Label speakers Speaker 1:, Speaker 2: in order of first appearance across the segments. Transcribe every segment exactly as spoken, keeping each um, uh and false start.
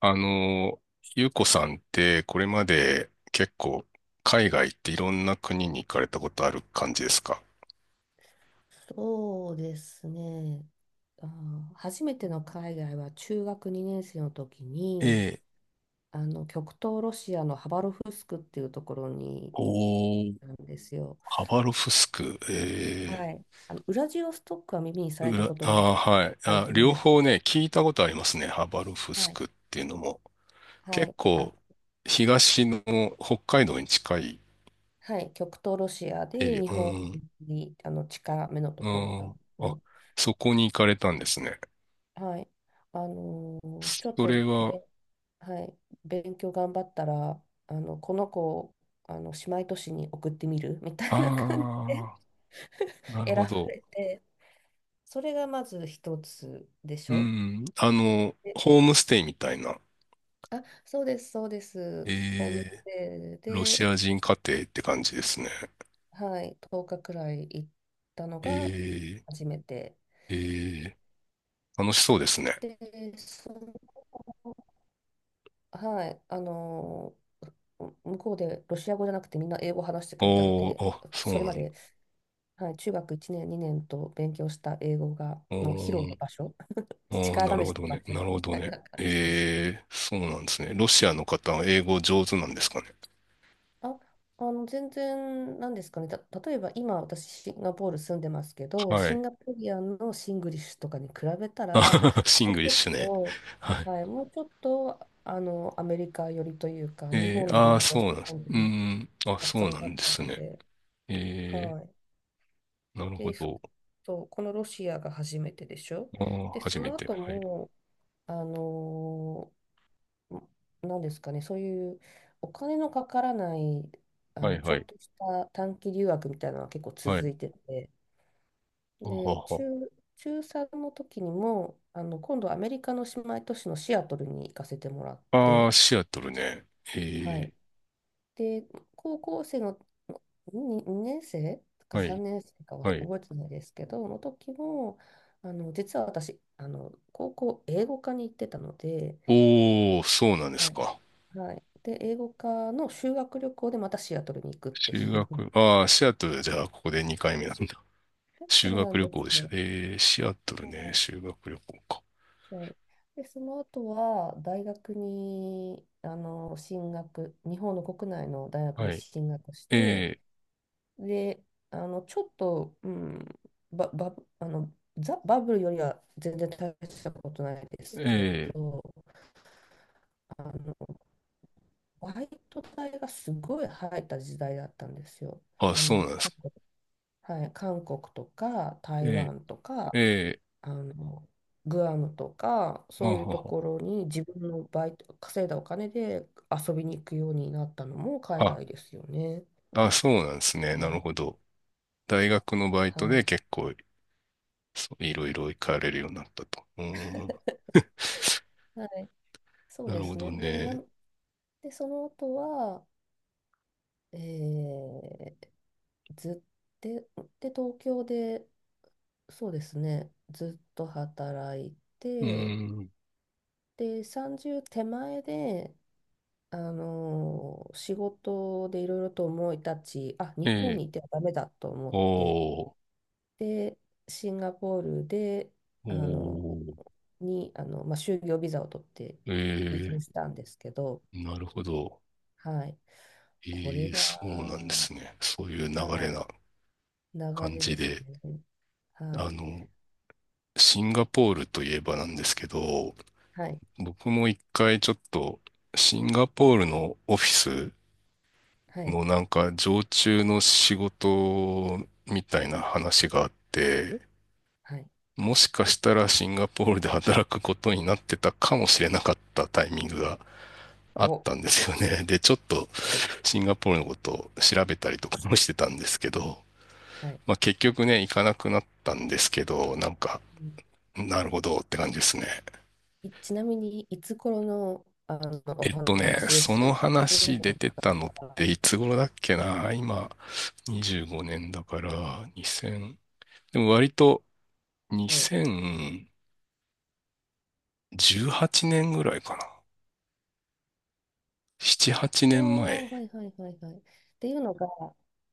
Speaker 1: あの、ゆうこさんってこれまで結構海外っていろんな国に行かれたことある感じですか？
Speaker 2: そうですね。あー、初めての海外は中学にねん生の時
Speaker 1: え
Speaker 2: に、
Speaker 1: え、
Speaker 2: あの極東ロシアのハバロフスクっていうところに行っ
Speaker 1: おー、
Speaker 2: たんですよ。
Speaker 1: ハバロフスク、え
Speaker 2: はい。あのウラジオストックは耳にさ
Speaker 1: え、
Speaker 2: れた
Speaker 1: 裏、
Speaker 2: ことが
Speaker 1: あー、はい。
Speaker 2: ある
Speaker 1: あ、
Speaker 2: と思うん
Speaker 1: 両
Speaker 2: ですけ
Speaker 1: 方ね、
Speaker 2: ど。
Speaker 1: 聞いたことありますね。ハバロフス
Speaker 2: はい。
Speaker 1: クっていうのも。
Speaker 2: は
Speaker 1: 結
Speaker 2: い。あ、
Speaker 1: 構、東の北海道に近い
Speaker 2: はい。極東ロシア
Speaker 1: エ
Speaker 2: で
Speaker 1: リ
Speaker 2: 日
Speaker 1: ア。う
Speaker 2: 本
Speaker 1: ん、
Speaker 2: にあの近めのと
Speaker 1: う
Speaker 2: ころな
Speaker 1: ん、
Speaker 2: んです
Speaker 1: あ、
Speaker 2: よ。
Speaker 1: そこに行かれたんですね。
Speaker 2: はい。あのーちょっ
Speaker 1: そ
Speaker 2: と
Speaker 1: れは、
Speaker 2: ね、はい、勉強頑張ったら、あの、この子をあの姉妹都市に送ってみる みたいな感じ
Speaker 1: ああ、
Speaker 2: で
Speaker 1: なる
Speaker 2: 選
Speaker 1: ほ
Speaker 2: ば
Speaker 1: ど。
Speaker 2: れて、それがまず一つでし
Speaker 1: う
Speaker 2: ょ。
Speaker 1: ん。あの、
Speaker 2: で、
Speaker 1: ホームステイみたいな。
Speaker 2: あ、そうです、そうです。ホーム
Speaker 1: えー、
Speaker 2: ステイ
Speaker 1: ロシ
Speaker 2: で、
Speaker 1: ア人家庭って感じですね。
Speaker 2: はい、とおかくらい行ったのが
Speaker 1: え
Speaker 2: 初めて。
Speaker 1: ー、えー、楽しそうですね。
Speaker 2: で、そはい、あの、う向こうでロシア語じゃなくてみんな英語話してくれたの
Speaker 1: お
Speaker 2: で、
Speaker 1: ー、あ、そ
Speaker 2: そ
Speaker 1: う
Speaker 2: れ
Speaker 1: な
Speaker 2: ま
Speaker 1: んだ。
Speaker 2: で、はい、中学いちねん、にねんと勉強した英語が、
Speaker 1: お
Speaker 2: の披露の
Speaker 1: ー、
Speaker 2: 場所、
Speaker 1: おー、な
Speaker 2: 力
Speaker 1: る
Speaker 2: 試
Speaker 1: ほ
Speaker 2: し
Speaker 1: ど
Speaker 2: の場
Speaker 1: ね。
Speaker 2: 所
Speaker 1: な
Speaker 2: み
Speaker 1: るほど
Speaker 2: たい
Speaker 1: ね。
Speaker 2: な感じでした。
Speaker 1: えー、そうなんですね。ロシアの方は英語上手なんですかね。
Speaker 2: あ、あの、全然、なんですかね、た、例えば今私シンガポール住んでますけど、
Speaker 1: は
Speaker 2: シ
Speaker 1: い。
Speaker 2: ンガポリアンのシングリッシュとかに比べたら、
Speaker 1: シン
Speaker 2: もうち
Speaker 1: グリッシュね。
Speaker 2: ょっ
Speaker 1: はい。
Speaker 2: と、はい、もうちょっと、あの、アメリカ寄りというか、日
Speaker 1: え
Speaker 2: 本
Speaker 1: ー、
Speaker 2: で
Speaker 1: ああ、
Speaker 2: 勉強
Speaker 1: そ
Speaker 2: し
Speaker 1: う
Speaker 2: た
Speaker 1: なんです。
Speaker 2: 感じ
Speaker 1: うー
Speaker 2: の
Speaker 1: ん、あ、
Speaker 2: 発
Speaker 1: そう
Speaker 2: 音
Speaker 1: な
Speaker 2: だ
Speaker 1: ん
Speaker 2: っ
Speaker 1: で
Speaker 2: た
Speaker 1: す
Speaker 2: の
Speaker 1: ね。
Speaker 2: で、
Speaker 1: え
Speaker 2: はい。
Speaker 1: ー、なるほ
Speaker 2: で、そ
Speaker 1: ど。
Speaker 2: そう、このロシアが初めてでしょ。
Speaker 1: ああ、
Speaker 2: で、そ
Speaker 1: 初め
Speaker 2: の
Speaker 1: て。
Speaker 2: 後
Speaker 1: はい。
Speaker 2: も、あのーなんですかね、そういうお金のかからない、あ
Speaker 1: は
Speaker 2: の、
Speaker 1: い、
Speaker 2: ちょ
Speaker 1: は
Speaker 2: っ
Speaker 1: い。
Speaker 2: とした短期留学みたいなのは結構
Speaker 1: は
Speaker 2: 続
Speaker 1: い。
Speaker 2: いてて、
Speaker 1: あは
Speaker 2: で、中、
Speaker 1: は。
Speaker 2: 中さんの時にも、あの、今度アメリカの姉妹都市のシアトルに行かせてもらっ
Speaker 1: ああ、
Speaker 2: て、
Speaker 1: シアトルね。え
Speaker 2: は
Speaker 1: え、
Speaker 2: い。で、高校生のに年生か
Speaker 1: はい、
Speaker 2: さんねん生かは
Speaker 1: はい。
Speaker 2: 覚えてないですけど、の時も、あの、実は私、あの、高校英語科に行ってたので、
Speaker 1: おー、そうなんで
Speaker 2: は
Speaker 1: す
Speaker 2: い。
Speaker 1: か。
Speaker 2: はい。で、英語科の修学旅行でまたシアトルに行くってい
Speaker 1: 修
Speaker 2: うの。
Speaker 1: 学、ああ、シアトルじゃあ、ここでにかいめなんだ。
Speaker 2: そ
Speaker 1: 修
Speaker 2: うな
Speaker 1: 学
Speaker 2: ん
Speaker 1: 旅
Speaker 2: で
Speaker 1: 行
Speaker 2: す
Speaker 1: でした。
Speaker 2: よ。
Speaker 1: ええ、シアトルね、
Speaker 2: は
Speaker 1: 修学旅行か。
Speaker 2: い。はい。で、その後は、大学に、あの、進学、日本の国内の大学
Speaker 1: は
Speaker 2: に
Speaker 1: い。
Speaker 2: 進学し
Speaker 1: え
Speaker 2: て、
Speaker 1: え、
Speaker 2: で、あの、ちょっと、うん、バば、あの、ザ・バブルよりは全然大したことないで
Speaker 1: え
Speaker 2: すけ
Speaker 1: え、
Speaker 2: ど、あの、バイト代がすごい入った時代だったんですよ。
Speaker 1: あ、
Speaker 2: あ
Speaker 1: そうな
Speaker 2: の、
Speaker 1: んです
Speaker 2: 過
Speaker 1: か。
Speaker 2: 去、はい、韓国とか台
Speaker 1: え
Speaker 2: 湾とか
Speaker 1: え、ええ、
Speaker 2: あのグアムとか
Speaker 1: ま
Speaker 2: そ
Speaker 1: あ、
Speaker 2: ういう
Speaker 1: は
Speaker 2: と
Speaker 1: は
Speaker 2: ころに自分のバイト稼いだお金で遊びに行くようになったのも海外ですよね。
Speaker 1: あ、あ、そうなんですね。な
Speaker 2: は
Speaker 1: る
Speaker 2: い、
Speaker 1: ほど。大学のバイ
Speaker 2: は
Speaker 1: トで
Speaker 2: い、
Speaker 1: 結構、そういろいろ行かれるようになったと。うーん。
Speaker 2: はい、そう
Speaker 1: な
Speaker 2: で
Speaker 1: るほ
Speaker 2: す
Speaker 1: ど
Speaker 2: ね。で、な
Speaker 1: ね。
Speaker 2: んでその後は、えー、ずっで、で東京で、そうですね、ずっと働い
Speaker 1: うー
Speaker 2: て、
Speaker 1: ん。
Speaker 2: でさんじゅう手前であのー仕事でいろいろと思い立ち、あ、
Speaker 1: え
Speaker 2: 日本
Speaker 1: え、
Speaker 2: にいてはダメだと思って、
Speaker 1: おー。
Speaker 2: で、シンガポールで、
Speaker 1: お
Speaker 2: あの、
Speaker 1: ー、
Speaker 2: に、あの、まあ、就業ビザを取って
Speaker 1: え
Speaker 2: 移住
Speaker 1: え、
Speaker 2: したんですけど、
Speaker 1: なるほど。
Speaker 2: はい。
Speaker 1: え
Speaker 2: これ
Speaker 1: ー、
Speaker 2: が、
Speaker 1: そうなんですね。そういう流
Speaker 2: は
Speaker 1: れ
Speaker 2: い、
Speaker 1: な
Speaker 2: 流
Speaker 1: 感
Speaker 2: れで
Speaker 1: じ
Speaker 2: す
Speaker 1: で。
Speaker 2: ね。はい。
Speaker 1: あの、シンガポールといえばなんですけど、
Speaker 2: はい。
Speaker 1: 僕も一回ちょっと、シンガポールのオフィス
Speaker 2: はい。
Speaker 1: のなんか常駐の仕事みたいな話があって、
Speaker 2: はい。
Speaker 1: もしかしたらシンガポールで働くことになってたかもしれなかったタイミングがあっ
Speaker 2: お、
Speaker 1: たんですよね。で、ちょっと、シンガポールのことを調べたりとかもしてたんですけど、
Speaker 2: はい。
Speaker 1: まあ結局ね、行かなくなったんですけど、なんか、
Speaker 2: うん
Speaker 1: なるほどって感じですね。
Speaker 2: いちなみに、いつ頃の、あの、お
Speaker 1: えっとね、
Speaker 2: 話で
Speaker 1: そ
Speaker 2: す
Speaker 1: の
Speaker 2: っていう
Speaker 1: 話出
Speaker 2: の
Speaker 1: てたのって
Speaker 2: が、
Speaker 1: いつ頃だっけな今、にじゅうごねんだから、に ゼロでも割と
Speaker 2: そう。
Speaker 1: にせんじゅうはちねんぐらいかな。なな、はちねんまえ。
Speaker 2: おあ、はいはいはいはい。っていうのが、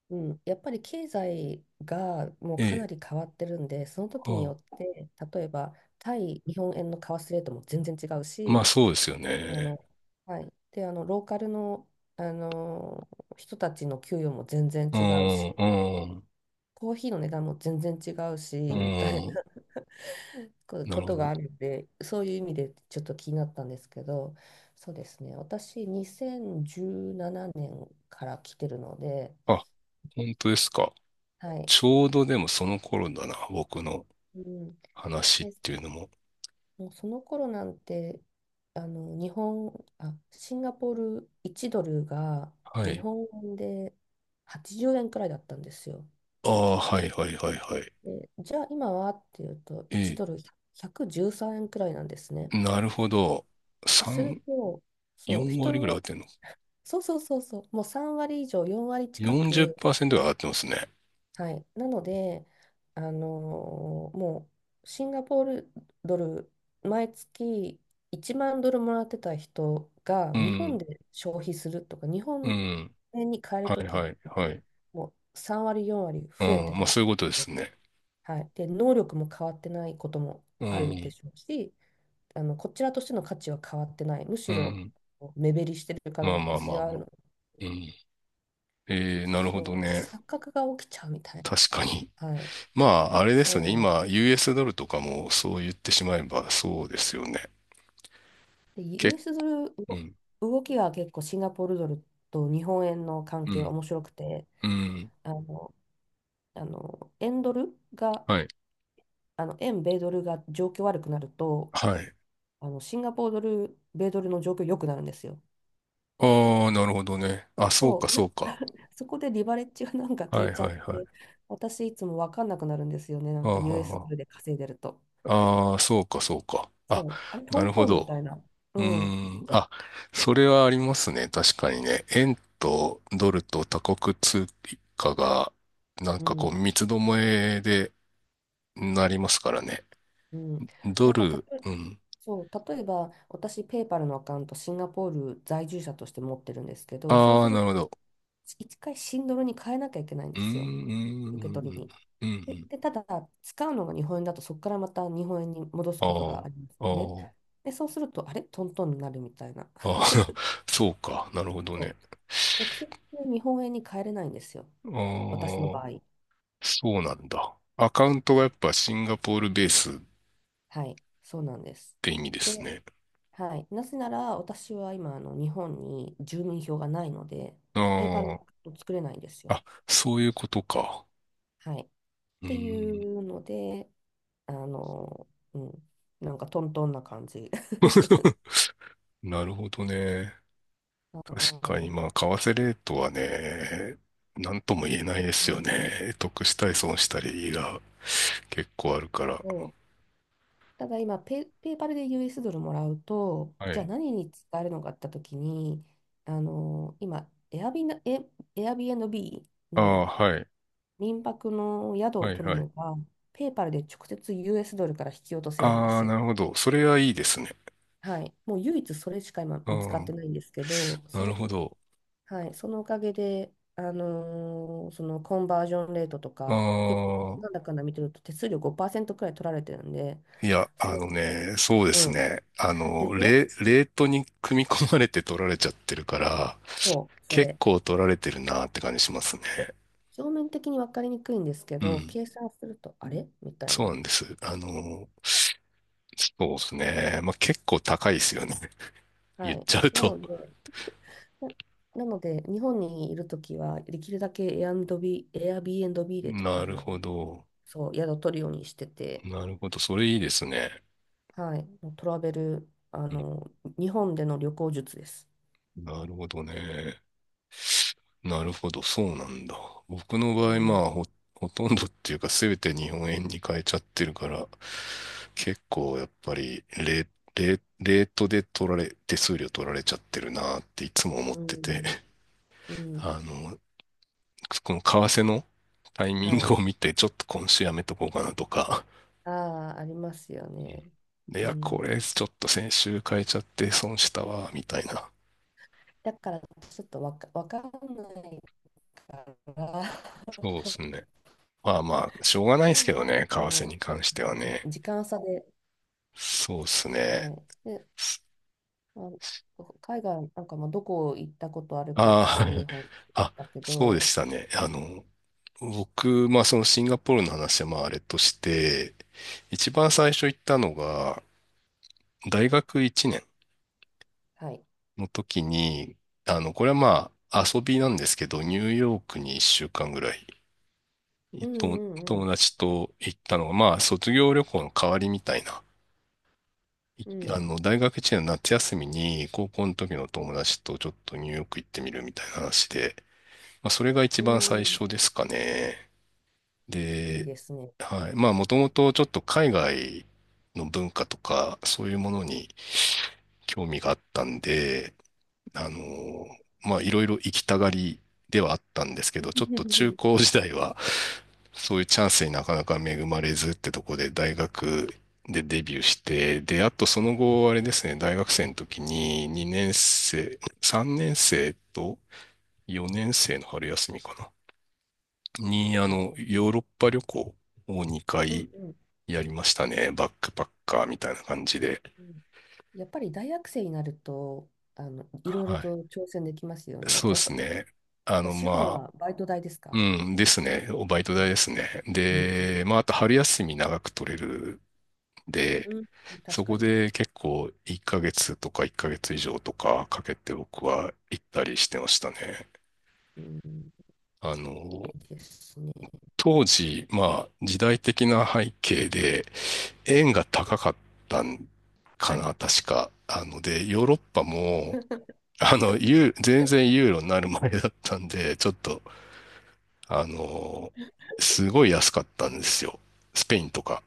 Speaker 2: うん、やっぱり経済がもう
Speaker 1: え
Speaker 2: かな
Speaker 1: え、
Speaker 2: り変わってるんで、その時に
Speaker 1: あ
Speaker 2: よって、例えば、対日本円の為替レートも全然違う
Speaker 1: あ、まあ
Speaker 2: し、
Speaker 1: そうですよ
Speaker 2: あ
Speaker 1: ね。
Speaker 2: の、はい。で、あの、ローカルの、あの、人たちの給与も全然
Speaker 1: う
Speaker 2: 違う
Speaker 1: ん、
Speaker 2: し、
Speaker 1: うん、
Speaker 2: コーヒーの値段も全然違うし、
Speaker 1: う
Speaker 2: みたい
Speaker 1: ん。
Speaker 2: な こ
Speaker 1: な
Speaker 2: こ
Speaker 1: るほ
Speaker 2: とが
Speaker 1: ど。
Speaker 2: あるんで、そういう意味でちょっと気になったんですけど、そうですね。私、にせんじゅうななねんから来てるので、
Speaker 1: あ、本当ですか。
Speaker 2: はい。
Speaker 1: ちょうどでもその頃だな、僕の
Speaker 2: うん。
Speaker 1: 話っ
Speaker 2: で、
Speaker 1: ていうのも。
Speaker 2: もうその頃なんて、あの、日本、あ、シンガポールいちドルが
Speaker 1: は
Speaker 2: 日
Speaker 1: い。
Speaker 2: 本円ではちじゅうえんくらいだったんですよ。
Speaker 1: ああ、はいはいはいはい。
Speaker 2: で、じゃあ今はっていうと、いち
Speaker 1: え
Speaker 2: ドルひゃくじゅうさんえんくじゅうさんえんくらいなんですね。
Speaker 1: え、なるほど。
Speaker 2: でする
Speaker 1: さん、
Speaker 2: と、そう、
Speaker 1: よん
Speaker 2: 人
Speaker 1: 割
Speaker 2: に
Speaker 1: ぐらい上がっ
Speaker 2: よ
Speaker 1: てんの？
Speaker 2: そうそうそうそう、もうさん割以上、よん割近く、
Speaker 1: よんじゅっパーセント が上がってますね。
Speaker 2: はい、なので、あのーもうシンガポールドル、毎月いちまんドルもらってた人が
Speaker 1: う
Speaker 2: 日本
Speaker 1: ん、
Speaker 2: で消費するとか、日
Speaker 1: う
Speaker 2: 本
Speaker 1: ん。
Speaker 2: 円に変える
Speaker 1: は
Speaker 2: と
Speaker 1: い
Speaker 2: きっ
Speaker 1: はい
Speaker 2: て、
Speaker 1: はい。
Speaker 2: もうさん割、よん割
Speaker 1: う
Speaker 2: 増えて
Speaker 1: ん、まあ
Speaker 2: る。
Speaker 1: そういうことですね。
Speaker 2: はい、で、能力も変わってないことも
Speaker 1: う
Speaker 2: あるで
Speaker 1: ん、
Speaker 2: しょうし、あのこちらとしての価値は変わってない、むし
Speaker 1: う
Speaker 2: ろ
Speaker 1: ん。
Speaker 2: 目減りしてる可
Speaker 1: まあま
Speaker 2: 能
Speaker 1: あま
Speaker 2: 性
Speaker 1: あ
Speaker 2: はあ
Speaker 1: ま
Speaker 2: る
Speaker 1: あ。
Speaker 2: の、
Speaker 1: うん。ええ、なるほど
Speaker 2: そう、
Speaker 1: ね。
Speaker 2: 錯覚が起きちゃうみたい
Speaker 1: 確かに。
Speaker 2: な。はい、
Speaker 1: まあ、あれですよね。
Speaker 2: そう。
Speaker 1: 今、ユーエス ドルとかもそう言ってしまえばそうですよね。
Speaker 2: で、
Speaker 1: け
Speaker 2: ユーエス ドル、
Speaker 1: う
Speaker 2: 動
Speaker 1: ん、
Speaker 2: 動きが結構シンガポールドルと日本円の関
Speaker 1: う
Speaker 2: 係は
Speaker 1: ん、
Speaker 2: 面白くて、
Speaker 1: うん。
Speaker 2: あの、あの、円ドルが、
Speaker 1: はい
Speaker 2: あの、円米ドルが状況悪くなると、
Speaker 1: はい。
Speaker 2: あの、シンガポールドル、米ドルの状況良くなるんですよ。
Speaker 1: ああ、なるほどね。あ、そう
Speaker 2: そ
Speaker 1: か、
Speaker 2: う、な
Speaker 1: そうか。
Speaker 2: そこでリバレッジがなんか効
Speaker 1: は
Speaker 2: い
Speaker 1: い、
Speaker 2: ちゃ
Speaker 1: は
Speaker 2: っ
Speaker 1: い、は
Speaker 2: て、
Speaker 1: い。
Speaker 2: 私いつも分かんなくなるんですよね、な
Speaker 1: あ
Speaker 2: ん
Speaker 1: あ、
Speaker 2: か ユーエス ド
Speaker 1: は
Speaker 2: ルで稼いでると。
Speaker 1: あ、ああーそうか、そうか。あ、
Speaker 2: そう、あれ、ト
Speaker 1: なる
Speaker 2: ン
Speaker 1: ほ
Speaker 2: トンみ
Speaker 1: ど。
Speaker 2: たいな。う
Speaker 1: うー
Speaker 2: ん、
Speaker 1: ん。あ、それはありますね。確かにね。円とドルと他国通貨が、なん
Speaker 2: う
Speaker 1: かこう、
Speaker 2: ん、
Speaker 1: 三つどもえでなりますからね。
Speaker 2: うん。
Speaker 1: ド
Speaker 2: だから、
Speaker 1: ル、うん。
Speaker 2: そう、例えば私、ペイパルのアカウント、シンガポール在住者として持ってるんですけど、そう
Speaker 1: あ
Speaker 2: す
Speaker 1: あ、
Speaker 2: る
Speaker 1: なる
Speaker 2: と、
Speaker 1: ほど。
Speaker 2: いっかいシンドルに変えなきゃいけないん
Speaker 1: う
Speaker 2: で
Speaker 1: ーん、
Speaker 2: すよ、受け
Speaker 1: う
Speaker 2: 取り
Speaker 1: ん、
Speaker 2: に。
Speaker 1: うん、うん。う
Speaker 2: で、
Speaker 1: ん、
Speaker 2: で、ただ、使うのが日本円だと、そこからまた日本円に戻すことがあ
Speaker 1: あ
Speaker 2: りますよね。
Speaker 1: あ、
Speaker 2: で、そうすると、あれ、トントンになるみたいな。
Speaker 1: ああ、あ あ、そうか。なるほど
Speaker 2: そ
Speaker 1: ね。
Speaker 2: う、直接日本円に変えれないんですよ、
Speaker 1: あ
Speaker 2: 私の場
Speaker 1: あ。
Speaker 2: 合。
Speaker 1: そうなんだ。アカウントがやっぱシンガポールベースっ
Speaker 2: はい、そうなんです。
Speaker 1: て意味で
Speaker 2: で、
Speaker 1: すね。
Speaker 2: はい、なぜなら、私は今、あの日本に住民票がないので、
Speaker 1: あ
Speaker 2: ペイパルを作れないんです
Speaker 1: あ、
Speaker 2: よ。
Speaker 1: あ、そういうことか。
Speaker 2: はい。っ
Speaker 1: う
Speaker 2: てい
Speaker 1: ーん。
Speaker 2: うので、あの、うん、なんかトントンな感じ。
Speaker 1: なるほどね。確かに、
Speaker 2: は
Speaker 1: まあ、為替レートはね、なんとも言えないで
Speaker 2: い。う
Speaker 1: すよ
Speaker 2: ん、
Speaker 1: ね。得したり損したりが結構あるから。
Speaker 2: そう、ただ今ペ、ペーパルで ユーエス ドルもらうと、
Speaker 1: は
Speaker 2: じゃあ
Speaker 1: い。
Speaker 2: 何に使えるのかって時に、あの、今、エアビナ、エ、エアビービー
Speaker 1: ああ、
Speaker 2: の
Speaker 1: はい。
Speaker 2: 民泊の宿を
Speaker 1: はい、
Speaker 2: 取る
Speaker 1: はい。
Speaker 2: のが、ペーパルで直接 ユーエス ドルから引き落とせるんで
Speaker 1: あ
Speaker 2: す
Speaker 1: あ、
Speaker 2: よ。
Speaker 1: なるほど。それはいいですね。
Speaker 2: はい。もう唯一それしか今
Speaker 1: う
Speaker 2: 見つかって
Speaker 1: ん。
Speaker 2: ないんですけど、そ
Speaker 1: なる
Speaker 2: れ、
Speaker 1: ほど。
Speaker 2: はい、そのおかげで、あのーそのコンバージョンレートと
Speaker 1: あ
Speaker 2: か、結構、なん
Speaker 1: あ、
Speaker 2: だかんだ見てると手数料ごパーセントくらい取られてるんで、
Speaker 1: いや、
Speaker 2: そ
Speaker 1: あ
Speaker 2: れ、
Speaker 1: のね、そうで
Speaker 2: う
Speaker 1: す
Speaker 2: ん、
Speaker 1: ね。あ
Speaker 2: で
Speaker 1: の、
Speaker 2: しょ、
Speaker 1: レ、レートに組み込まれて取られちゃってるから、
Speaker 2: そう、そ
Speaker 1: 結
Speaker 2: れ。
Speaker 1: 構取られてるなって感じしますね。
Speaker 2: 表面的に分かりにくいんですけ
Speaker 1: う
Speaker 2: ど、
Speaker 1: ん。
Speaker 2: 計算すると、あれみたい
Speaker 1: そうな
Speaker 2: な。
Speaker 1: んです。あの、そうですね。まあ、結構高いですよね。言
Speaker 2: は
Speaker 1: っ
Speaker 2: い。
Speaker 1: ちゃう
Speaker 2: な
Speaker 1: と。
Speaker 2: ので、ななので、日本にいるときは、できるだけ a アン b ビ b Airbnb で、あ
Speaker 1: なる
Speaker 2: の、
Speaker 1: ほど。
Speaker 2: そう、宿を取るようにしてて、
Speaker 1: なるほど。それいいですね。
Speaker 2: はい、もうトラベル、あ
Speaker 1: うん、
Speaker 2: の、日本での旅行術です。
Speaker 1: なるほどね。なるほど、そうなんだ。僕の
Speaker 2: う
Speaker 1: 場合、ま
Speaker 2: ん
Speaker 1: あ、ほ、ほとんどっていうか、すべて日本円に変えちゃってるから、結構やっぱりレ、レ、レートで取られ、手数料取られちゃってるなっていつも思っ
Speaker 2: う
Speaker 1: てて、
Speaker 2: ん、う ん、
Speaker 1: あの、この為替のタイミン
Speaker 2: は
Speaker 1: グ
Speaker 2: い。
Speaker 1: を見て、ちょっと今週やめとこうかなとか、
Speaker 2: ああ、ありますよね。
Speaker 1: うん、い
Speaker 2: う
Speaker 1: や、こ
Speaker 2: ん。
Speaker 1: れちょっと先週変えちゃって損したわ、みたいな。
Speaker 2: だから、ちょっとわか、わかんないから、
Speaker 1: そうですね。まあまあ、しょうがないですけど ね、為替に
Speaker 2: も
Speaker 1: 関して
Speaker 2: う、あ
Speaker 1: は
Speaker 2: の
Speaker 1: ね。
Speaker 2: 時間差で、
Speaker 1: そうですね。
Speaker 2: はい。で、まあの、海外なんかもどこ行ったことあるかってい
Speaker 1: あ
Speaker 2: う話
Speaker 1: あ、
Speaker 2: でし
Speaker 1: あ、
Speaker 2: たけ
Speaker 1: そうで
Speaker 2: ど、
Speaker 1: したね。あの、僕、まあそのシンガポールの話はまああれとして、一番最初行ったのが、大学いちねん
Speaker 2: はい。
Speaker 1: の時に、あの、これはまあ遊びなんですけど、ニューヨークにいっしゅうかんぐらい、
Speaker 2: う
Speaker 1: と
Speaker 2: んう
Speaker 1: 友
Speaker 2: ん
Speaker 1: 達と行ったのが、まあ卒業旅行の代わりみたいな。い
Speaker 2: う
Speaker 1: あ
Speaker 2: ん。
Speaker 1: の、大学いちねんの夏休みに、高校の時の友達とちょっとニューヨーク行ってみるみたいな話で、まあ、それが一
Speaker 2: う
Speaker 1: 番
Speaker 2: ん。
Speaker 1: 最
Speaker 2: うん。
Speaker 1: 初ですかね。
Speaker 2: いい
Speaker 1: で、
Speaker 2: ですね。
Speaker 1: はい。まあ、もともとちょっと海外の文化とか、そういうものに興味があったんで、あの、まあ、いろいろ行きたがりではあったんですけ ど、ちょっと中
Speaker 2: う
Speaker 1: 高時代は、そういうチャンスになかなか恵まれずってとこで、大学でデビューして、
Speaker 2: ん、
Speaker 1: で、あとその後、あれですね、大学生の時ににねん生、さんねん生とよねん生の春休みかな。に、あ
Speaker 2: はい。
Speaker 1: の、ヨーロッパ旅行を2
Speaker 2: うん
Speaker 1: 回
Speaker 2: うん。
Speaker 1: やりましたね。バックパッカーみたいな感じで。
Speaker 2: うんやっぱり大学生になると、あの、いろいろ
Speaker 1: はい。
Speaker 2: と挑戦できますよね。
Speaker 1: そうで
Speaker 2: やっ
Speaker 1: す
Speaker 2: ぱ、やっ
Speaker 1: ね。あ
Speaker 2: ぱ
Speaker 1: の、
Speaker 2: 資本
Speaker 1: まあ、
Speaker 2: はバイト代ですか、
Speaker 1: うん、ですね。おバイト
Speaker 2: や
Speaker 1: 代
Speaker 2: っぱ
Speaker 1: です
Speaker 2: り。
Speaker 1: ね。
Speaker 2: うんうん。
Speaker 1: で、まあ、あと春休み長く取れるんで、
Speaker 2: うん、確
Speaker 1: そ
Speaker 2: か
Speaker 1: こ
Speaker 2: に。
Speaker 1: で結構いっかげつとかいっかげつ以上とかかけて僕は行ったりしてましたね。
Speaker 2: うん、
Speaker 1: あ
Speaker 2: い
Speaker 1: の、
Speaker 2: いですね。
Speaker 1: 当時、まあ、時代的な背景で、円が高かったんか
Speaker 2: はい。
Speaker 1: な、確か。あので、ヨーロッパも、あの、ユー全然ユーロになる前だったんで、ちょっと、あの、すごい安かったんですよ。スペインとか、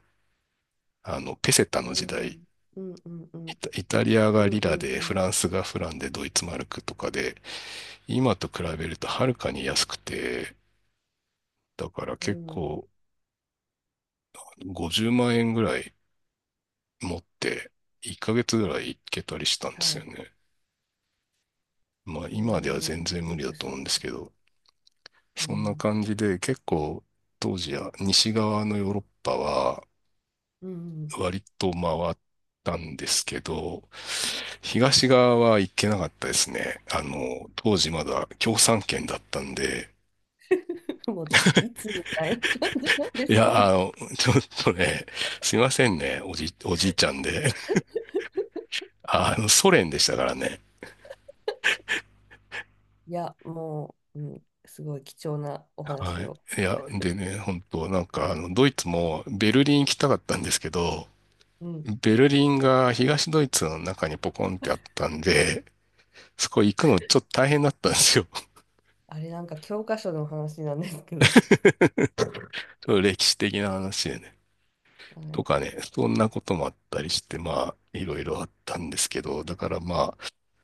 Speaker 1: あの、ペセタ
Speaker 2: う
Speaker 1: の時代、
Speaker 2: ん、うんうんう
Speaker 1: イ
Speaker 2: ん。
Speaker 1: タ、イタリア
Speaker 2: う
Speaker 1: が
Speaker 2: ん
Speaker 1: リ
Speaker 2: う
Speaker 1: ラ
Speaker 2: んう
Speaker 1: で、フ
Speaker 2: ん
Speaker 1: ランスがフランで、ドイツマルクとかで、今と比べるとはるかに安くて、だから
Speaker 2: う
Speaker 1: 結
Speaker 2: ん。
Speaker 1: 構ごじゅうまん円ぐらい持って、いっかげつぐらい行けたりしたん
Speaker 2: は
Speaker 1: ですよ
Speaker 2: い。
Speaker 1: ね。まあ
Speaker 2: え
Speaker 1: 今では
Speaker 2: ー、
Speaker 1: 全然
Speaker 2: い
Speaker 1: 無
Speaker 2: い
Speaker 1: 理だ
Speaker 2: で
Speaker 1: と
Speaker 2: す
Speaker 1: 思
Speaker 2: ね。
Speaker 1: うんですけど、
Speaker 2: う
Speaker 1: そんな
Speaker 2: ん。
Speaker 1: 感じで結構当時は西側のヨーロッパは
Speaker 2: うん、うん。
Speaker 1: 割と回ったんですけど、東側は行けなかったですね。あの、当時まだ共産圏だったんで、
Speaker 2: もうじ、いつみたいな感じなんで
Speaker 1: い
Speaker 2: すけど。
Speaker 1: や、あの、ちょっとね、すいませんね、おじ、おじいちゃんで。あの、ソ連でしたからね。
Speaker 2: いや、もう、うん、すごい貴重なお
Speaker 1: は
Speaker 2: 話
Speaker 1: い。
Speaker 2: を。
Speaker 1: いや、でね、本当なんかあの、ドイツもベルリン行きたかったんですけど、
Speaker 2: うん。
Speaker 1: ベルリンが東ドイツの中にポコンってあったんで、そこ行くのちょっと大変だったんですよ。ちょ
Speaker 2: あれなんか教科書の話なんですけど、
Speaker 1: っと歴史的な話でね。
Speaker 2: は
Speaker 1: と
Speaker 2: い。
Speaker 1: かね、そんなこともあったりして、まあ、いろいろあったんですけど、だからまあ、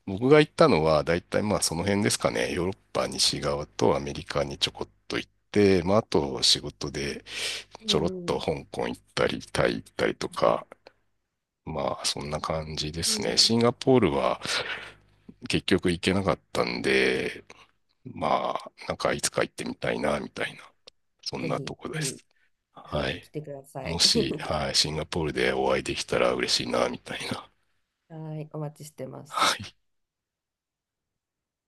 Speaker 1: 僕が行ったのは、だいたいまあその辺ですかね。ヨーロッパ西側とアメリカにちょこっと行って、まああと仕事で
Speaker 2: う
Speaker 1: ちょろっと
Speaker 2: ん、
Speaker 1: 香港行ったり、タイ行ったりと
Speaker 2: うん、
Speaker 1: か、まあそんな感じで
Speaker 2: う
Speaker 1: すね。
Speaker 2: ん。
Speaker 1: シンガポールは結局行けなかったんで、まあ、なんかいつか行ってみたいな、みた
Speaker 2: は
Speaker 1: い
Speaker 2: い、
Speaker 1: な、そん
Speaker 2: ぜ
Speaker 1: なと
Speaker 2: ひ、
Speaker 1: こ
Speaker 2: ぜ
Speaker 1: で
Speaker 2: ひ、
Speaker 1: す。
Speaker 2: は
Speaker 1: は
Speaker 2: い、来
Speaker 1: い。
Speaker 2: てくださ
Speaker 1: も
Speaker 2: い。
Speaker 1: し、はい、シンガポールでお会いできたら嬉しいな、みたいな。
Speaker 2: はい、お待ちしてます。
Speaker 1: はい。